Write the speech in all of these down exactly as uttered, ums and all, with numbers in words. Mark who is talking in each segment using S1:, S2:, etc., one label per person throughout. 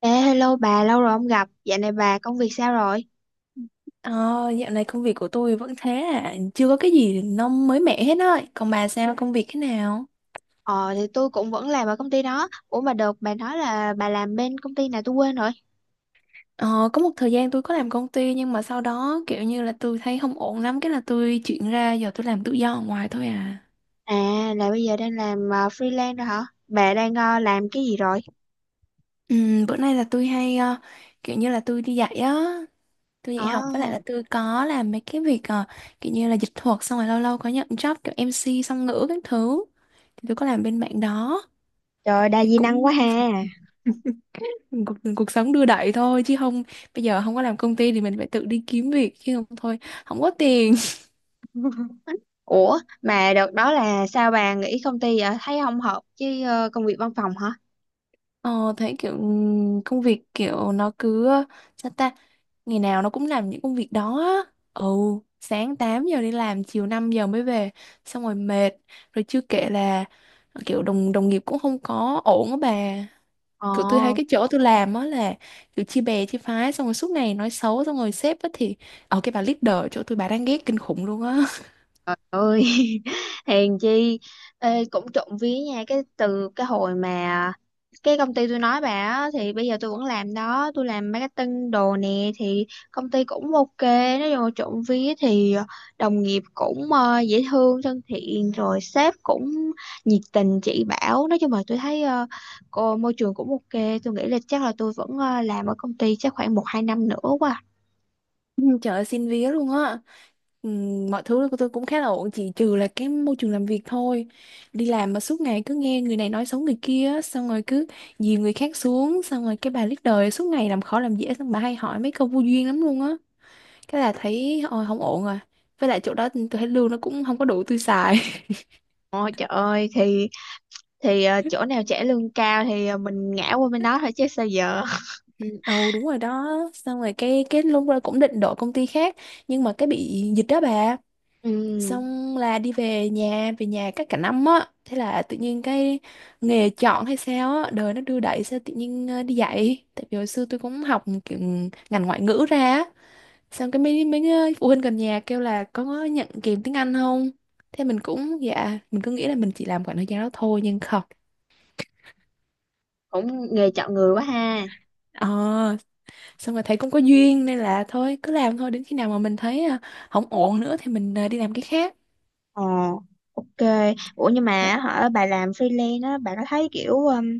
S1: Ê, hello bà, lâu rồi không gặp. Dạo này bà công việc sao rồi?
S2: Ờ, Dạo này công việc của tôi vẫn thế à, chưa có cái gì nó mới mẻ hết á. Còn bà sao công việc thế nào?
S1: Ờ, thì tôi cũng vẫn làm ở công ty đó. Ủa mà được, bà nói là bà làm bên công ty nào tôi quên rồi.
S2: Ờ, có một thời gian tôi có làm công ty nhưng mà sau đó kiểu như là tôi thấy không ổn lắm, cái là tôi chuyển ra giờ tôi làm tự do ở ngoài thôi à.
S1: À, là bây giờ đang làm ờ, freelance rồi hả? Bà đang ờ, làm cái gì rồi?
S2: Ừm, bữa nay là tôi hay ờ, kiểu như là tôi đi dạy á, tôi
S1: Ờ,
S2: dạy học với lại là tôi có làm mấy cái việc ờ, kiểu như là dịch thuật, xong rồi lâu lâu có nhận job kiểu em xê song ngữ các thứ. Thì tôi có làm bên mạng đó.
S1: trời, đa
S2: Thì
S1: di năng quá
S2: cũng
S1: ha.
S2: cuộc, cuộc sống đưa đẩy thôi chứ không, bây giờ không có làm công ty thì mình phải tự đi kiếm việc chứ không thôi không có tiền.
S1: Ủa, mà đợt đó là sao bà nghỉ công ty vậy? Thấy không hợp với ờ, công việc văn phòng hả?
S2: ờ, Thấy kiểu ừm, công việc kiểu nó cứ, sao ta, ngày nào nó cũng làm những công việc đó á. Ừ, sáng tám giờ đi làm chiều năm giờ mới về, xong rồi mệt, rồi chưa kể là ờ, kiểu đồng đồng nghiệp cũng không có ổn á bà.
S1: Ờ.
S2: Kiểu tôi thấy cái chỗ tôi làm á là kiểu chia bè chia phái, xong rồi suốt ngày nói xấu, xong rồi sếp á thì, ở cái bà leader ở chỗ tôi bà đang ghét kinh khủng luôn á.
S1: Ơi! Hèn chi. Ê, cũng trộm vía nha, cái từ cái hồi mà cái công ty tôi nói bà á, thì bây giờ tôi vẫn làm đó, tôi làm marketing đồ nè. Thì công ty cũng ok, nói chung là trộm vía. Thì đồng nghiệp cũng ờ, dễ thương thân thiện, rồi sếp cũng nhiệt tình chỉ bảo. Nói chung là tôi thấy ờ, cô môi trường cũng ok, tôi nghĩ là chắc là tôi vẫn ờ, làm ở công ty chắc khoảng một hai năm nữa quá.
S2: Ừ, trời ơi, xin vía luôn á. Ừ, mọi thứ của tôi cũng khá là ổn, chỉ trừ là cái môi trường làm việc thôi. Đi làm mà suốt ngày cứ nghe người này nói xấu người kia á, xong rồi cứ dìm người khác xuống, xong rồi cái bà leader đời suốt ngày làm khó làm dễ, xong bà hay hỏi mấy câu vô duyên lắm luôn á. Cái là thấy ôi không ổn rồi. Với lại chỗ đó tôi thấy lương nó cũng không có đủ tôi xài.
S1: Ôi trời ơi, thì thì ờ, chỗ nào trả lương cao thì ờ, mình ngã qua bên đó thôi chứ sao giờ.
S2: Ừ, ồ đúng rồi đó. Xong rồi cái cái lúc đó cũng định đổi công ty khác, nhưng mà cái bị dịch đó bà,
S1: Ừ,
S2: xong là đi về nhà, về nhà cách cả năm á, thế là tự nhiên cái nghề chọn hay sao á, đời nó đưa đẩy sao tự nhiên ờ, đi dạy, tại vì hồi xưa tôi cũng học kiểu ngành ngoại ngữ ra á. Xong cái mấy mấy ờ, phụ huynh gần nhà kêu là có nhận kèm tiếng Anh không, thế mình cũng dạ, mình cứ nghĩ là mình chỉ làm khoảng thời gian đó thôi nhưng không.
S1: cũng nghề chọn người quá ha.
S2: Ờ, xong rồi thấy cũng có duyên nên là thôi cứ làm thôi, đến khi nào mà mình thấy ờ, không ổn nữa thì mình ờ, đi làm cái khác.
S1: Ờ. Ok. Ủa, nhưng
S2: Ờ,
S1: mà hả, bà làm freelance á, bà có thấy kiểu um,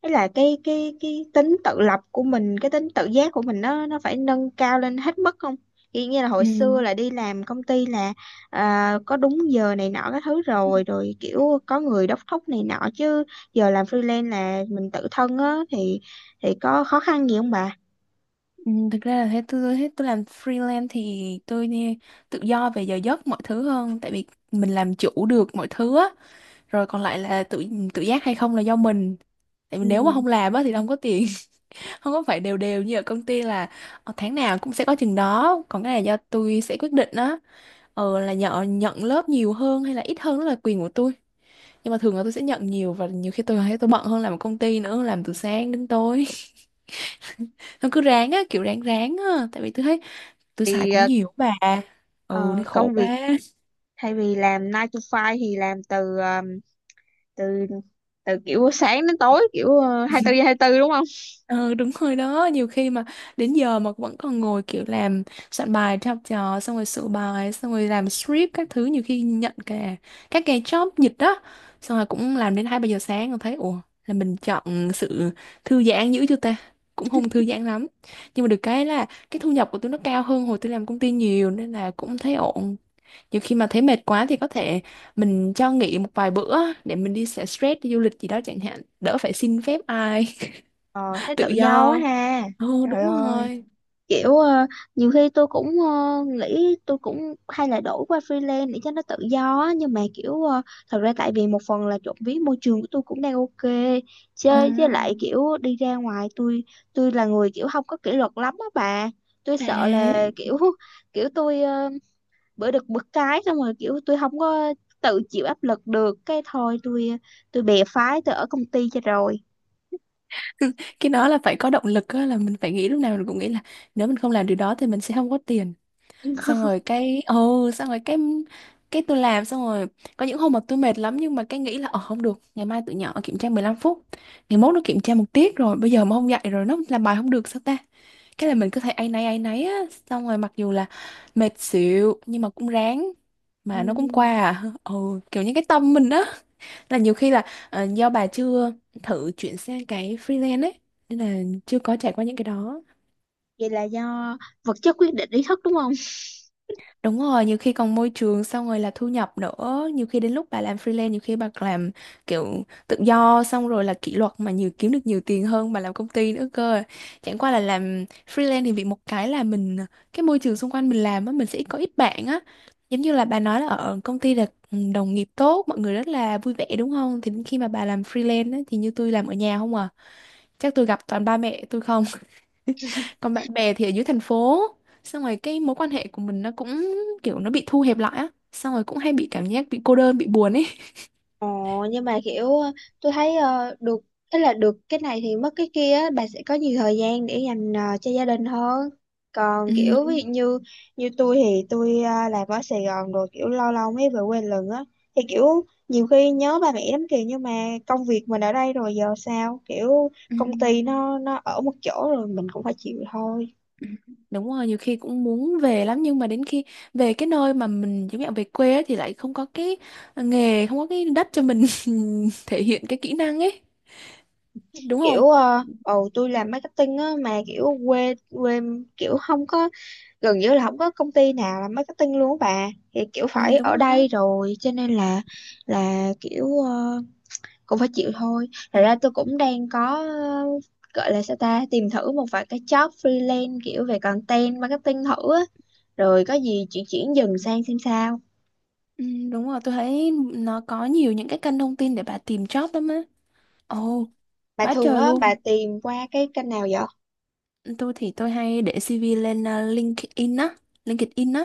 S1: ấy là cái cái cái tính tự lập của mình, cái tính tự giác của mình, nó nó phải nâng cao lên hết mức không? Kiểu như là hồi xưa là đi làm công ty là à, có đúng giờ này nọ các thứ,
S2: ừ.
S1: rồi rồi kiểu có người đốc thúc này nọ chứ, giờ làm freelance là mình tự thân á, thì thì có khó khăn gì không bà?
S2: Ừ, thực ra là thế, tôi thế tôi làm freelance thì tôi đi tự do về giờ giấc mọi thứ hơn, tại vì mình làm chủ được mọi thứ á, rồi còn lại là tự tự giác hay không là do mình, tại vì
S1: Ừ.
S2: nếu mà không làm á thì không có tiền. Không có phải đều đều như ở công ty là ờ, tháng nào cũng sẽ có chừng đó, còn cái này do tôi sẽ quyết định á, ờ là nhận nhận lớp nhiều hơn hay là ít hơn đó là quyền của tôi. Nhưng mà thường là tôi sẽ nhận nhiều, và nhiều khi tôi thấy tôi bận hơn làm ở công ty nữa, làm từ sáng đến tối, nó cứ ráng á, kiểu ráng ráng á, tại vì tôi thấy tôi xài
S1: Thì
S2: cũng
S1: ờ,
S2: nhiều bà. Ừ nên
S1: ờ, công
S2: khổ quá.
S1: việc thay vì làm chín to năm thì làm từ ờ, từ từ kiểu sáng đến tối, kiểu uh, hai mươi bốn hai tư, đúng không?
S2: Ừ đúng rồi đó. Nhiều khi mà đến giờ mà vẫn còn ngồi kiểu làm soạn bài cho học trò, xong rồi sửa bài, xong rồi làm script các thứ. Nhiều khi nhận cả các cái job dịch đó, xong rồi cũng làm đến hai ba giờ sáng, rồi thấy ủa là mình chọn sự thư giãn dữ chưa ta. Cũng không thư giãn lắm, nhưng mà được cái là cái thu nhập của tôi nó cao hơn hồi tôi làm công ty nhiều, nên là cũng thấy ổn. Nhiều khi mà thấy mệt quá thì có thể mình cho nghỉ một vài bữa để mình đi xả stress đi du lịch gì đó chẳng hạn, đỡ phải xin phép ai,
S1: Ờ, thấy tự
S2: tự
S1: do quá
S2: do.
S1: ha.
S2: Ồ
S1: Trời
S2: đúng
S1: ơi,
S2: rồi.
S1: kiểu ờ, nhiều khi tôi cũng ờ, nghĩ, tôi cũng hay là đổi qua freelance để cho nó tự do á, nhưng mà kiểu ờ, thật ra tại vì một phần là trộm vía môi trường của tôi cũng đang ok, chứ
S2: Ờ.
S1: với lại kiểu đi ra ngoài, tôi tôi là người kiểu không có kỷ luật lắm á bà. Tôi
S2: À,
S1: sợ là kiểu kiểu tôi ờ, bữa được bữa cái, xong rồi kiểu tôi không có tự chịu áp lực được, cái thôi, tôi tôi bè phái, tôi ở công ty cho rồi.
S2: cái đó là phải có động lực á, là mình phải nghĩ, lúc nào mình cũng nghĩ là nếu mình không làm điều đó thì mình sẽ không có tiền. Xong rồi cái ồ xong rồi cái cái tôi làm, xong rồi có những hôm mà tôi mệt lắm nhưng mà cái nghĩ là ờ không được, ngày mai tụi nhỏ kiểm tra mười lăm phút. Ngày mốt nó kiểm tra một tiết rồi, bây giờ mà không dạy rồi nó làm bài không được sao ta? Cái là mình cứ thấy áy náy áy náy á, xong rồi mặc dù là mệt xỉu nhưng mà cũng ráng
S1: Ừ.
S2: mà nó cũng qua à. Ồ kiểu như cái tâm mình á. Là nhiều khi là ờ, do bà chưa thử chuyển sang cái freelance ấy nên là chưa có trải qua những cái đó.
S1: Vậy là do vật chất quyết định ý thức, đúng không?
S2: Đúng rồi, nhiều khi còn môi trường, xong rồi là thu nhập nữa, nhiều khi đến lúc bà làm freelance, nhiều khi bà làm kiểu tự do xong rồi là kỷ luật mà nhiều, kiếm được nhiều tiền hơn bà làm công ty nữa cơ. Chẳng qua là làm freelance thì bị một cái là mình, cái môi trường xung quanh mình làm á, mình sẽ có ít bạn á. Giống như là bà nói là ở công ty là ừ, đồng nghiệp tốt, mọi người rất là vui vẻ đúng không, thì đến khi mà bà làm freelance á, thì như tôi làm ở nhà không à, chắc tôi gặp toàn ba mẹ tôi không. Còn bạn bè thì ở dưới thành phố, xong rồi cái mối quan hệ của mình nó cũng kiểu nó bị thu hẹp lại á, xong rồi cũng hay bị cảm giác bị cô đơn bị buồn ấy.
S1: Ồ, nhưng mà kiểu ờ, tôi thấy ờ, được, tức là được cái này thì mất cái kia á, bà sẽ có nhiều thời gian để dành ờ, cho gia đình hơn. Còn
S2: Ừ,
S1: kiểu ví
S2: đúng.
S1: dụ như như tôi, thì tôi ờ, làm ở Sài Gòn rồi, kiểu lâu lâu mới về quê lần á, thì kiểu nhiều khi nhớ ba mẹ lắm kìa, nhưng mà công việc mình ở đây rồi, giờ sao, kiểu
S2: Ừ.
S1: công ty nó nó ở một chỗ rồi, mình cũng phải chịu thôi.
S2: Đúng rồi, nhiều khi cũng muốn về lắm nhưng mà đến khi về cái nơi mà mình giống như về quê á thì lại không có cái nghề, không có cái đất cho mình thể hiện cái kỹ năng ấy, đúng không.
S1: Kiểu ờ, ồ tôi làm marketing á, mà kiểu quê quê, kiểu không có, gần như là không có công ty nào làm marketing luôn á bà, thì kiểu
S2: Ừ,
S1: phải
S2: đúng
S1: ở
S2: rồi đó.
S1: đây rồi cho nên là là kiểu ờ, cũng phải chịu thôi. Thật
S2: Ừ,
S1: ra tôi cũng đang có ờ, gọi là sao ta, tìm thử một vài cái job freelance kiểu về content marketing thử á, rồi có gì chuyển chuyển dần sang xem sao.
S2: ừ, đúng rồi, tôi thấy nó có nhiều những cái kênh thông tin để bà tìm job lắm á.
S1: Ừ.
S2: Ồ
S1: Bà
S2: quá
S1: thường
S2: trời
S1: á, bà
S2: luôn.
S1: tìm qua cái kênh nào vậy?
S2: Tôi thì tôi hay để xê vê lên à, LinkedIn á, LinkedIn á.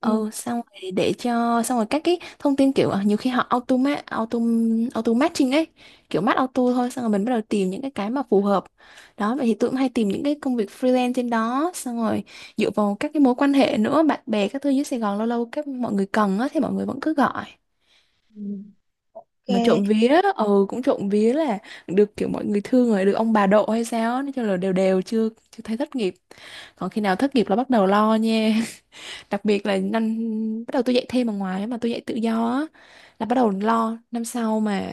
S1: Ừ.
S2: Ừ, xong rồi để cho, xong rồi các cái thông tin kiểu à, nhiều khi họ automat auto auto matching ấy, kiểu match auto thôi, xong rồi mình bắt đầu tìm những cái cái mà phù hợp đó. Vậy thì tôi cũng hay tìm những cái công việc freelance trên đó, xong rồi dựa vào các cái mối quan hệ nữa, bạn bè các thứ dưới Sài Gòn lâu lâu các mọi người cần á thì mọi người vẫn cứ gọi.
S1: Ừ.
S2: Mà trộm
S1: Ok.
S2: vía, ừ cũng trộm vía là được kiểu mọi người thương, rồi được ông bà độ hay sao á, nói chung là đều đều, chưa chưa thấy thất nghiệp. Còn khi nào thất nghiệp là bắt đầu lo nha. Đặc biệt là năm bắt đầu tôi dạy thêm ở ngoài á, mà tôi dạy tự do á, là bắt đầu lo năm sau mà,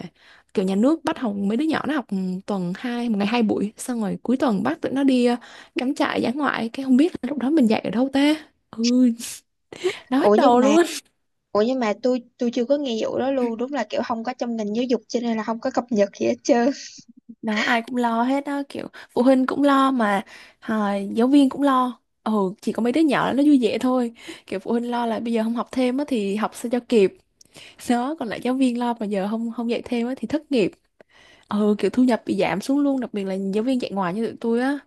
S2: kiểu nhà nước bắt học, mấy đứa nhỏ nó học tuần hai, một ngày hai buổi, xong rồi cuối tuần bắt tụi nó đi ờ, cắm trại dã ngoại, cái không biết là lúc đó mình dạy ở đâu ta. Ừ, đau
S1: ủa
S2: hết
S1: nhưng
S2: đầu
S1: mà
S2: luôn.
S1: Ủa, nhưng mà tôi tôi chưa có nghe vụ đó luôn. Đúng là kiểu không có trong ngành giáo dục, cho nên là không có cập nhật gì hết trơn.
S2: Đó ai cũng lo hết á, kiểu phụ huynh cũng lo mà à, giáo viên cũng lo. Ừ, chỉ có mấy đứa nhỏ nó vui vẻ thôi. Kiểu phụ huynh lo là bây giờ không học thêm á thì học sao cho kịp đó, còn lại giáo viên lo mà giờ không không dạy thêm á thì thất nghiệp. Ừ, kiểu thu nhập bị giảm xuống luôn, đặc biệt là giáo viên dạy ngoài như tụi tôi á.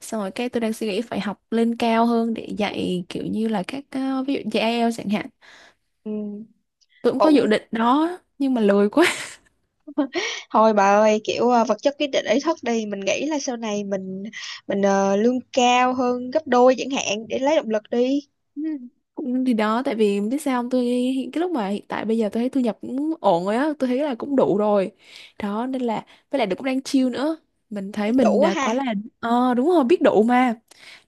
S2: Xong rồi cái tôi đang suy nghĩ phải học lên cao hơn để dạy kiểu như là các ờ, ví dụ dạy ai eo chẳng hạn.
S1: Ừ.
S2: Tôi cũng có dự
S1: Cũng
S2: định đó nhưng mà lười quá.
S1: thôi bà ơi. Kiểu ờ, vật chất quyết định ý thức đi, mình nghĩ là sau này mình mình ờ, lương cao hơn gấp đôi chẳng hạn, để lấy động lực đi.
S2: Ừ, cũng thì đó, tại vì biết sao không, tôi hiện- cái lúc mà hiện tại bây giờ tôi thấy thu nhập cũng ổn rồi á, tôi thấy là cũng đủ rồi đó, nên là với lại được cũng đang chill nữa, mình
S1: Biết
S2: thấy
S1: đủ
S2: mình
S1: quá
S2: là
S1: ha.
S2: quá là. Ờ đúng rồi, biết đủ mà.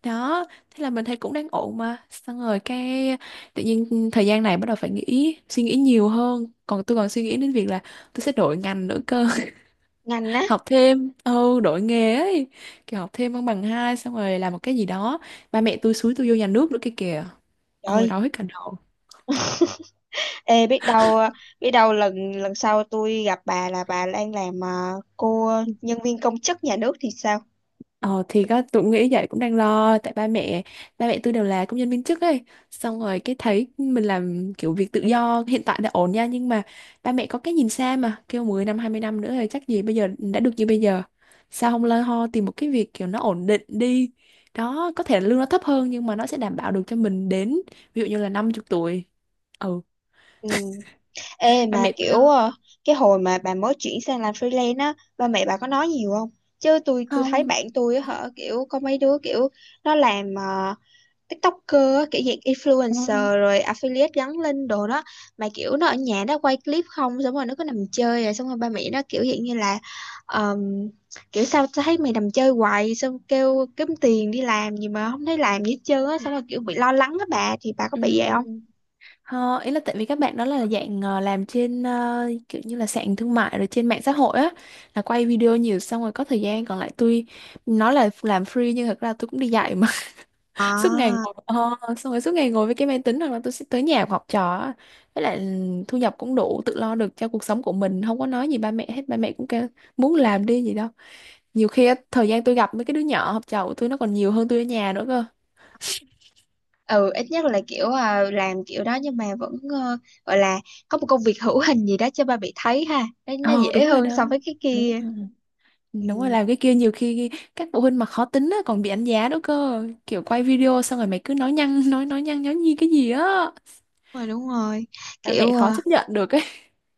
S2: Đó thế là mình thấy cũng đang ổn, mà xong rồi cái tự nhiên thời gian này bắt đầu phải nghĩ suy nghĩ nhiều hơn, còn tôi còn suy nghĩ đến việc là tôi sẽ đổi ngành nữa cơ.
S1: Ngành á?
S2: Học thêm, ừ đổi nghề ấy, kiểu học thêm bằng bằng hai xong rồi làm một cái gì đó. Ba mẹ tôi xúi tôi vô nhà nước nữa kia kìa. Ôi
S1: Trời.
S2: đau hết cả đầu.
S1: Ê, biết đâu ờ, biết đâu lần lần sau tôi gặp bà là bà đang làm ờ, cô nhân viên công chức nhà nước thì sao?
S2: Ờ thì có tụi nghĩ vậy, cũng đang lo tại ba mẹ, ba mẹ tôi đều là công nhân viên chức ấy. Xong rồi cái thấy mình làm kiểu việc tự do hiện tại đã ổn nha, nhưng mà ba mẹ có cái nhìn xa mà kêu mười năm hai mươi năm nữa thì chắc gì bây giờ đã được như bây giờ, sao không lo ho tìm một cái việc kiểu nó ổn định đi, đó có thể là lương nó thấp hơn nhưng mà nó sẽ đảm bảo được cho mình đến ví dụ như là năm mươi tuổi. Ừ,
S1: Ừ. Ê,
S2: ba
S1: mà
S2: mẹ tôi
S1: kiểu
S2: lo.
S1: ờ, cái hồi mà bà mới chuyển sang làm freelance á, ba mẹ bà có nói nhiều không? Chứ tôi tôi thấy
S2: Không.
S1: bạn tôi á hả, kiểu có mấy đứa kiểu nó làm ờ, TikToker á, kiểu dạng
S2: ờ,
S1: influencer rồi affiliate gắn link đồ đó, mà kiểu nó ở nhà nó quay clip không, xong rồi nó cứ nằm chơi, rồi xong rồi ba mẹ nó kiểu dạng như là ờm, kiểu sao tao thấy mày nằm chơi hoài, xong kêu kiếm tiền đi, làm gì mà không thấy làm gì hết trơn á, xong rồi kiểu bị lo lắng á bà, thì bà có
S2: ừ.
S1: bị vậy không?
S2: Ờ, ý là tại vì các bạn đó là dạng ờ, làm trên ờ, kiểu như là sàn thương mại rồi trên mạng xã hội á, là quay video nhiều, xong rồi có thời gian còn lại tôi nói là làm free nhưng thật ra tôi cũng đi dạy mà. Suốt ngày
S1: À.
S2: ngồi ờ, xong rồi suốt ngày ngồi với cái máy tính hoặc là tôi sẽ tới nhà học trò á. Với lại ừ, thu nhập cũng đủ tự lo được cho cuộc sống của mình, không có nói gì ba mẹ hết, ba mẹ cũng kêu muốn làm đi gì đâu. Nhiều khi á, thời gian tôi gặp mấy cái đứa nhỏ học trò của tôi nó còn nhiều hơn tôi ở nhà nữa cơ.
S1: Ừ, ít nhất là kiểu ờ, làm kiểu đó nhưng mà vẫn ờ, gọi là có một công việc hữu hình gì đó cho ba bị thấy ha, nó, nó
S2: Ờ
S1: dễ
S2: đúng rồi
S1: hơn
S2: đó,
S1: so với cái
S2: đúng
S1: kia.
S2: rồi.
S1: Ừ,
S2: Đúng rồi,
S1: đúng
S2: làm cái kia nhiều khi các phụ huynh mà khó tính á, còn bị đánh giá nữa cơ, kiểu quay video xong rồi mày cứ nói nhăng nói nói nhăng nói nhi cái gì á.
S1: rồi, đúng rồi,
S2: Ba mẹ
S1: kiểu
S2: khó
S1: ờ,
S2: chấp nhận được ấy.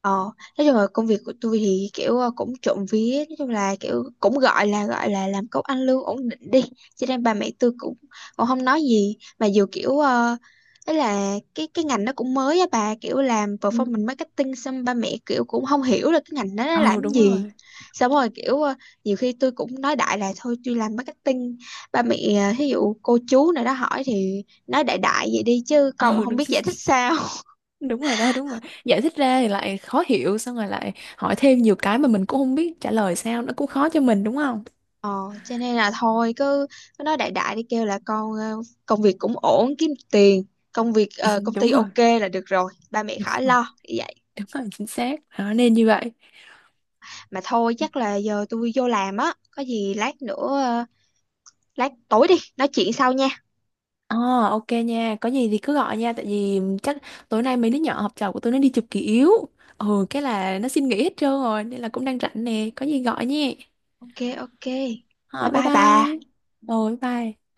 S1: Ờ, nói chung là công việc của tôi thì kiểu ờ, cũng trộm vía. Nói chung là kiểu cũng gọi là gọi là làm công ăn lương ổn định đi, cho nên bà mẹ tôi cũng cũng không nói gì, mà dù kiểu uh, ấy là cái cái ngành nó cũng mới á bà, kiểu làm
S2: Ừ.
S1: performance marketing, xong ba mẹ kiểu cũng không hiểu là cái ngành đó nó làm
S2: Ừ
S1: cái
S2: đúng
S1: gì.
S2: rồi.
S1: Xong rồi kiểu ờ, nhiều khi tôi cũng nói đại là thôi tôi làm marketing, ba mẹ, ờ, thí dụ cô chú nào đó hỏi thì nói đại đại vậy đi, chứ còn
S2: Ừ
S1: không
S2: đúng.
S1: biết giải thích sao.
S2: Đúng rồi đó, đúng rồi, giải thích ra thì lại khó hiểu, xong rồi lại hỏi thêm nhiều cái mà mình cũng không biết trả lời sao, nó cũng khó cho mình đúng không.
S1: Ờ, cho nên là thôi, cứ, cứ nói đại đại đi, kêu là con ờ, công việc cũng ổn kiếm tiền, công việc ờ, công
S2: Đúng
S1: ty
S2: rồi,
S1: ok là được rồi, ba mẹ
S2: đúng
S1: khỏi
S2: rồi,
S1: lo vậy.
S2: đúng rồi chính xác đó, nên như vậy.
S1: Mà thôi, chắc là giờ tôi vô làm á, có gì lát nữa, ờ, lát tối đi nói chuyện sau nha.
S2: Ờ ok nha, có gì thì cứ gọi nha, tại vì chắc tối nay mấy đứa nhỏ học trò của tôi nó đi chụp kỷ yếu. Ừ, cái là nó xin nghỉ hết trơn rồi, nên là cũng đang rảnh nè, có gì gọi nhé.
S1: Ok, ok. Bye
S2: Ờ, bye
S1: bye
S2: bye.
S1: bà.
S2: Rồi bye.